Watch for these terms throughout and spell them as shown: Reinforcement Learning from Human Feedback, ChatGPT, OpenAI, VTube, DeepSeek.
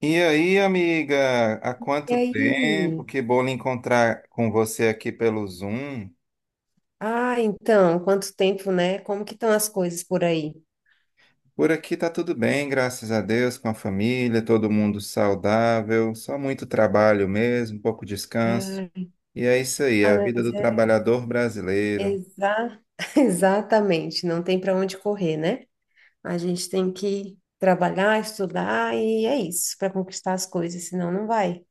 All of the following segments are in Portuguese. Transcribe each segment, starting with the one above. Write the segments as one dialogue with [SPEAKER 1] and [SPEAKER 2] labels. [SPEAKER 1] E aí, amiga, há
[SPEAKER 2] E
[SPEAKER 1] quanto tempo?
[SPEAKER 2] aí?
[SPEAKER 1] Que bom lhe encontrar com você aqui pelo Zoom.
[SPEAKER 2] Então, quanto tempo, né? Como que estão as coisas por aí?
[SPEAKER 1] Por aqui tá tudo bem, graças a Deus, com a família, todo mundo saudável, só muito trabalho mesmo, pouco descanso.
[SPEAKER 2] Ah,
[SPEAKER 1] E é isso aí, a vida
[SPEAKER 2] mas
[SPEAKER 1] do
[SPEAKER 2] é
[SPEAKER 1] trabalhador brasileiro.
[SPEAKER 2] exa... exatamente, não tem para onde correr, né? A gente tem que trabalhar, estudar e é isso, para conquistar as coisas, senão não vai.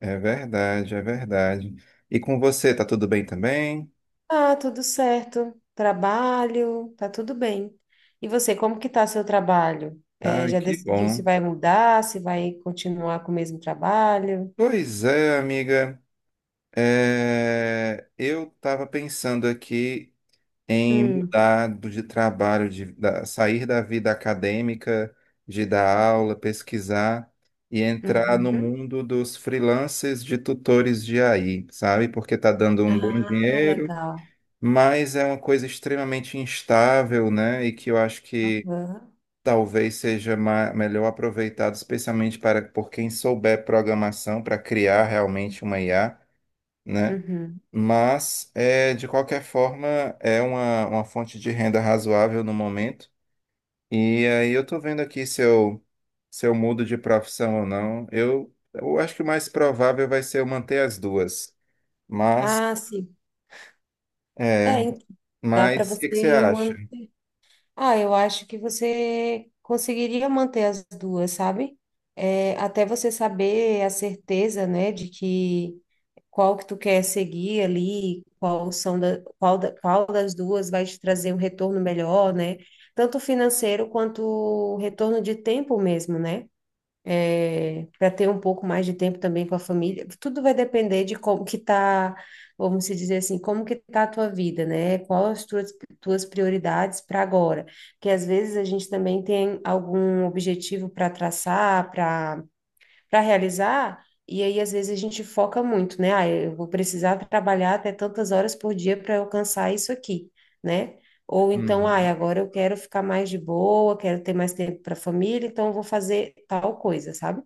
[SPEAKER 1] É verdade, é verdade. E com você, tá tudo bem também?
[SPEAKER 2] Ah, tudo certo. Trabalho, tá tudo bem. E você, como que tá seu trabalho?
[SPEAKER 1] Ai,
[SPEAKER 2] Já
[SPEAKER 1] que
[SPEAKER 2] decidiu se
[SPEAKER 1] bom.
[SPEAKER 2] vai mudar, se vai continuar com o mesmo trabalho?
[SPEAKER 1] Pois é, amiga. É, eu estava pensando aqui em
[SPEAKER 2] Hum,
[SPEAKER 1] mudar de trabalho, de sair da vida acadêmica, de dar aula, pesquisar e entrar no
[SPEAKER 2] uhum.
[SPEAKER 1] mundo dos freelancers de tutores de AI, sabe? Porque está dando um bom
[SPEAKER 2] Ah,
[SPEAKER 1] dinheiro,
[SPEAKER 2] legal.
[SPEAKER 1] mas é uma coisa extremamente instável, né? E que eu acho que
[SPEAKER 2] Aham.
[SPEAKER 1] talvez seja melhor aproveitado, especialmente para por quem souber programação, para criar realmente uma IA, né?
[SPEAKER 2] Uhum.
[SPEAKER 1] Mas, é, de qualquer forma, é uma fonte de renda razoável no momento. E aí eu tô vendo aqui se eu mudo de profissão ou não. Eu acho que o mais provável vai ser eu manter as duas. Mas,
[SPEAKER 2] Ah, sim.
[SPEAKER 1] é,
[SPEAKER 2] É, en- Dá para
[SPEAKER 1] mas o que que você
[SPEAKER 2] você
[SPEAKER 1] acha?
[SPEAKER 2] manter. Ah, eu acho que você conseguiria manter as duas, sabe? É, até você saber a certeza, né, de que qual que tu quer seguir ali, qual são da- qual das duas vai te trazer um retorno melhor, né? Tanto financeiro quanto retorno de tempo mesmo, né? Para ter um pouco mais de tempo também com a família. Tudo vai depender de como que tá, vamos se dizer assim, como que tá a tua vida, né? Tuas prioridades para agora? Porque às vezes a gente também tem algum objetivo para traçar, para realizar, e aí às vezes a gente foca muito, né? Ah, eu vou precisar trabalhar até tantas horas por dia para alcançar isso aqui, né? Ou então, ah,
[SPEAKER 1] Uhum.
[SPEAKER 2] agora eu quero ficar mais de boa, quero ter mais tempo para a família, então eu vou fazer tal coisa, sabe?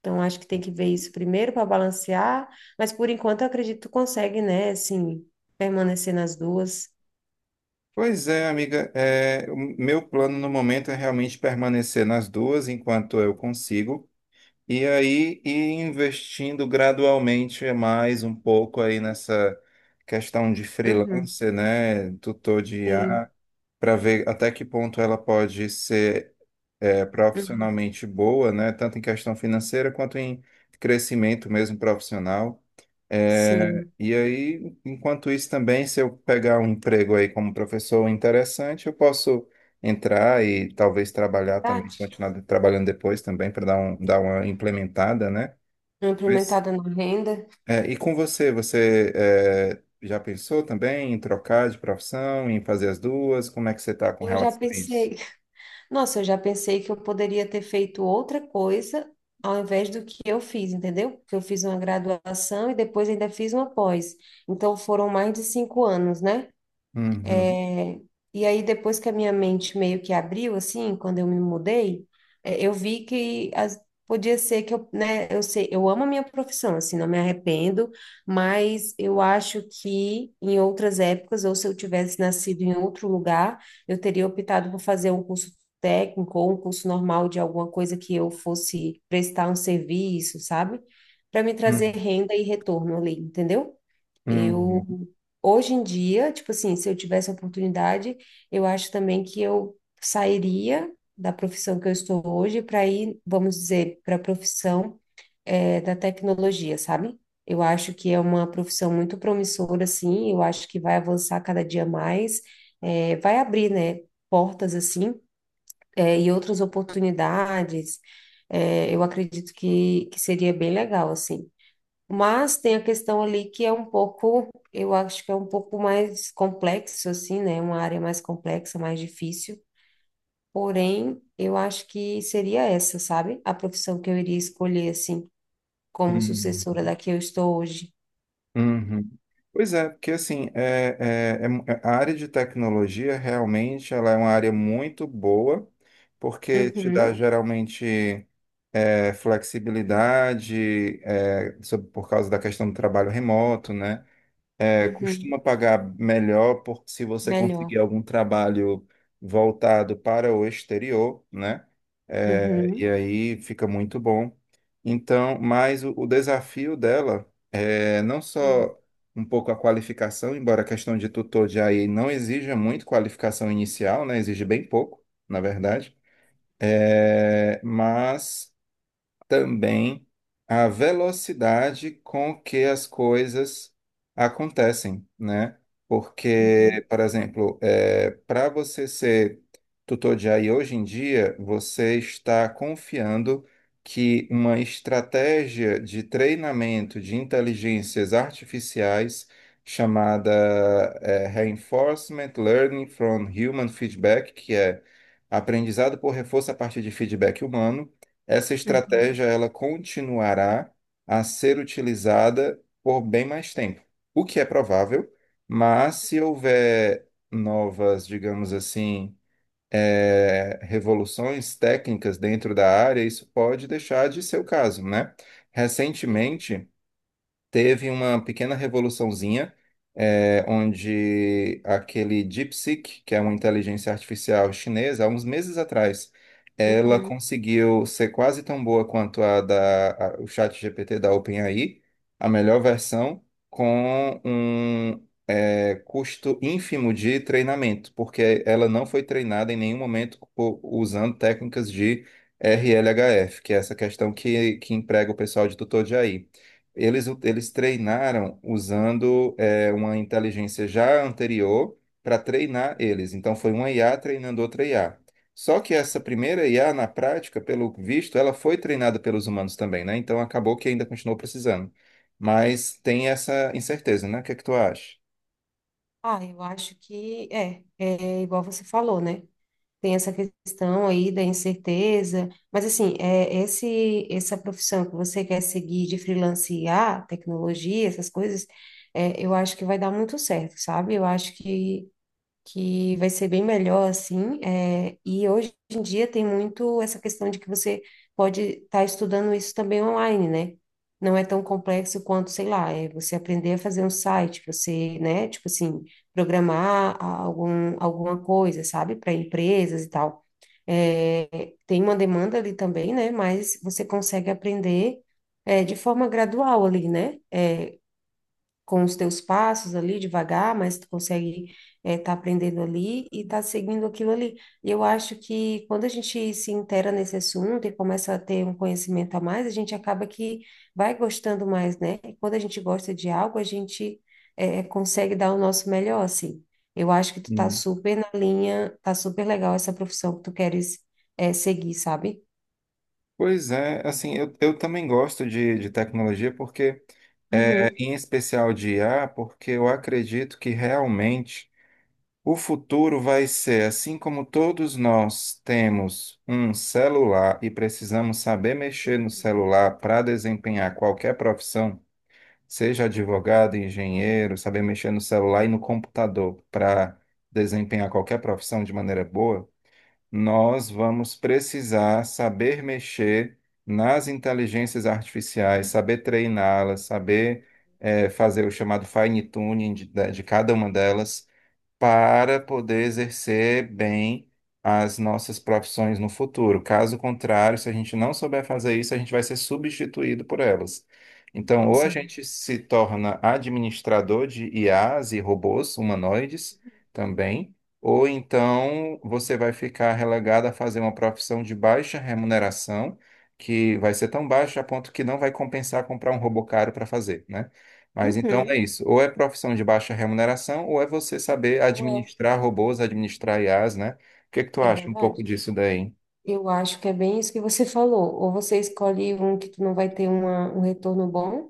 [SPEAKER 2] Então acho que tem que ver isso primeiro para balancear, mas por enquanto eu acredito que tu consegue, né? Assim, permanecer nas duas.
[SPEAKER 1] Pois é, amiga, é, o meu plano no momento é realmente permanecer nas duas enquanto eu consigo. E aí, e investindo gradualmente mais um pouco aí nessa questão de
[SPEAKER 2] Uhum,
[SPEAKER 1] freelancer, né? Tutor de
[SPEAKER 2] sim,
[SPEAKER 1] IA, para ver até que ponto ela pode ser, é,
[SPEAKER 2] uhum,
[SPEAKER 1] profissionalmente boa, né? Tanto em questão financeira quanto em crescimento mesmo profissional. É,
[SPEAKER 2] sim.
[SPEAKER 1] e aí, enquanto isso também, se eu pegar um emprego aí como professor interessante, eu posso entrar e talvez trabalhar também,
[SPEAKER 2] Verdade.
[SPEAKER 1] continuar trabalhando depois também para dar uma implementada, né?
[SPEAKER 2] Não
[SPEAKER 1] Mas,
[SPEAKER 2] implementada na renda,
[SPEAKER 1] é, e com você, você é, já pensou também em trocar de profissão, em fazer as duas? Como é que você está com
[SPEAKER 2] eu já
[SPEAKER 1] relação a isso?
[SPEAKER 2] pensei. Nossa, eu já pensei que eu poderia ter feito outra coisa ao invés do que eu fiz, entendeu? Porque eu fiz uma graduação e depois ainda fiz uma pós. Então foram mais de 5 anos, né?
[SPEAKER 1] Uhum,
[SPEAKER 2] É, e aí, depois que a minha mente meio que abriu, assim, quando eu me mudei, é, eu vi que podia ser que eu, né, eu sei, eu amo a minha profissão, assim, não me arrependo, mas eu acho que em outras épocas, ou se eu tivesse nascido em outro lugar, eu teria optado por fazer um curso técnico ou um curso normal de alguma coisa que eu fosse prestar um serviço, sabe? Para me
[SPEAKER 1] uhum,
[SPEAKER 2] trazer renda e retorno ali, entendeu?
[SPEAKER 1] uhum.
[SPEAKER 2] Eu, hoje em dia, tipo assim, se eu tivesse a oportunidade, eu acho também que eu sairia da profissão que eu estou hoje para ir, vamos dizer, para a profissão, da tecnologia, sabe? Eu acho que é uma profissão muito promissora, assim, eu acho que vai avançar cada dia mais, vai abrir, né, portas, assim, e outras oportunidades. Eu acredito que seria bem legal, assim. Mas tem a questão ali que é um pouco, eu acho que é um pouco mais complexo, assim, né? Uma área mais complexa, mais difícil. Porém, eu acho que seria essa, sabe? A profissão que eu iria escolher, assim, como sucessora
[SPEAKER 1] Uhum.
[SPEAKER 2] da que eu estou hoje.
[SPEAKER 1] Uhum. Pois é, porque assim, é, a área de tecnologia realmente ela é uma área muito boa, porque te dá
[SPEAKER 2] Uhum,
[SPEAKER 1] geralmente, é, flexibilidade, é, por causa da questão do trabalho remoto, né? É,
[SPEAKER 2] uhum,
[SPEAKER 1] costuma pagar melhor se você
[SPEAKER 2] melhor.
[SPEAKER 1] conseguir algum trabalho voltado para o exterior, né? É, e
[SPEAKER 2] Uhum.
[SPEAKER 1] aí fica muito bom. Então, mas o desafio dela, é, não
[SPEAKER 2] Sim.
[SPEAKER 1] só um pouco a qualificação, embora a questão de tutor de AI não exija muito qualificação inicial, né? Exige bem pouco, na verdade.
[SPEAKER 2] Aham,
[SPEAKER 1] É, mas também a velocidade com que as coisas acontecem, né?
[SPEAKER 2] uhum,
[SPEAKER 1] Porque, por exemplo, para você ser tutor de AI hoje em dia, você está confiando que uma estratégia de treinamento de inteligências artificiais chamada, Reinforcement Learning from Human Feedback, que é aprendizado por reforço a partir de feedback humano, essa
[SPEAKER 2] uhum,
[SPEAKER 1] estratégia ela continuará a ser utilizada por bem mais tempo, o que é provável, mas se houver novas, digamos assim, revoluções técnicas dentro da área, isso pode deixar de ser o caso, né?
[SPEAKER 2] sim,
[SPEAKER 1] Recentemente, teve uma pequena revoluçãozinha, onde aquele DeepSeek, que é uma inteligência artificial chinesa, há uns meses atrás, ela
[SPEAKER 2] uhum.
[SPEAKER 1] conseguiu ser quase tão boa quanto o ChatGPT da OpenAI, a melhor versão, com um, custo ínfimo de treinamento, porque ela não foi treinada em nenhum momento usando técnicas de RLHF, que é essa questão que emprega o pessoal de tutor de AI. Eles treinaram usando, é, uma inteligência já anterior para treinar eles. Então, foi uma IA treinando outra IA. Só que essa primeira IA, na prática, pelo visto, ela foi treinada pelos humanos também, né? Então, acabou que ainda continuou precisando. Mas tem essa incerteza, né? O que é que tu acha?
[SPEAKER 2] Ah, eu acho que é igual você falou, né? Tem essa questão aí da incerteza, mas assim, essa profissão que você quer seguir de freelancear, tecnologia, essas coisas, é, eu acho que vai dar muito certo, sabe? Eu acho Que vai ser bem melhor assim. É, e hoje em dia tem muito essa questão de que você pode estar estudando isso também online, né? Não é tão complexo quanto, sei lá, é você aprender a fazer um site, você, né, tipo assim, programar alguma coisa, sabe, para empresas e tal. É, tem uma demanda ali também, né? Mas você consegue aprender, é, de forma gradual ali, né? É, com os teus passos ali devagar, mas tu consegue estar aprendendo ali e tá seguindo aquilo ali. E eu acho que quando a gente se inteira nesse assunto e começa a ter um conhecimento a mais, a gente acaba que vai gostando mais, né? E quando a gente gosta de algo, a gente consegue dar o nosso melhor, assim. Eu acho que tu tá
[SPEAKER 1] Hum.
[SPEAKER 2] super na linha, tá super legal essa profissão que tu queres seguir, sabe?
[SPEAKER 1] Pois é, assim, eu também gosto de tecnologia, porque, é,
[SPEAKER 2] Uhum.
[SPEAKER 1] em especial de IA, porque eu acredito que realmente o futuro vai ser assim, como todos nós temos um celular e precisamos saber mexer no
[SPEAKER 2] Uhum,
[SPEAKER 1] celular para desempenhar qualquer profissão, seja
[SPEAKER 2] verdade.
[SPEAKER 1] advogado, engenheiro, saber mexer no celular e no computador para desempenhar qualquer profissão de maneira boa, nós vamos precisar saber mexer nas inteligências artificiais, saber treiná-las, saber, fazer o chamado fine tuning de cada uma delas para poder exercer bem as nossas profissões no futuro. Caso contrário, se a gente não souber fazer isso, a gente vai ser substituído por elas. Então, ou a
[SPEAKER 2] Nossa, é ver-
[SPEAKER 1] gente se torna administrador de IAs e robôs humanoides também, ou então você vai ficar relegado a fazer uma profissão de baixa remuneração, que vai ser tão baixa a ponto que não vai compensar comprar um robô caro para fazer, né? Mas então
[SPEAKER 2] Uhum.
[SPEAKER 1] é isso. Ou é profissão de baixa remuneração, ou é você saber
[SPEAKER 2] Ou
[SPEAKER 1] administrar robôs, administrar IAs, né? O que que tu
[SPEAKER 2] É, é
[SPEAKER 1] acha um pouco
[SPEAKER 2] verdade?
[SPEAKER 1] disso daí?
[SPEAKER 2] Eu acho que é bem isso que você falou. Ou você escolhe um que tu não vai ter um retorno bom,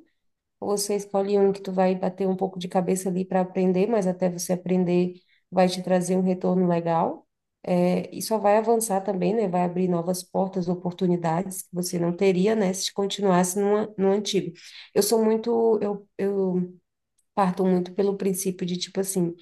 [SPEAKER 2] ou você escolhe um que tu vai bater um pouco de cabeça ali para aprender, mas até você aprender vai te trazer um retorno legal. É, e só vai avançar também, né? Vai abrir novas portas, oportunidades que você não teria, né? Se continuasse no antigo. Eu parto muito pelo princípio de, tipo assim,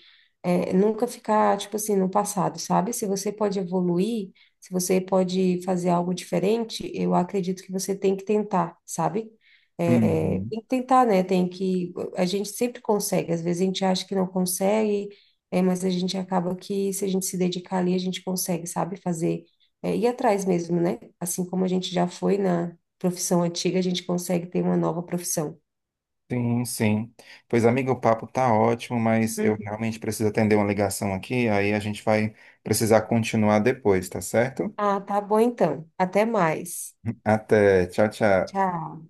[SPEAKER 2] é, nunca ficar, tipo assim, no passado, sabe? Se você pode evoluir, se você pode fazer algo diferente, eu acredito que você tem que tentar, sabe? É,
[SPEAKER 1] Uhum.
[SPEAKER 2] tem que tentar, né? Tem que. A gente sempre consegue, às vezes a gente acha que não consegue, é, mas a gente acaba que, se a gente se dedicar ali, a gente consegue, sabe? Fazer. É, ir atrás mesmo, né? Assim como a gente já foi na profissão antiga, a gente consegue ter uma nova profissão.
[SPEAKER 1] Sim, sim. Pois, amigo, o papo tá ótimo, mas eu realmente preciso atender uma ligação aqui, aí a gente vai precisar
[SPEAKER 2] Uhum.
[SPEAKER 1] continuar depois, tá certo?
[SPEAKER 2] Ah, tá bom então. Até mais.
[SPEAKER 1] Até. Tchau, tchau.
[SPEAKER 2] Tchau.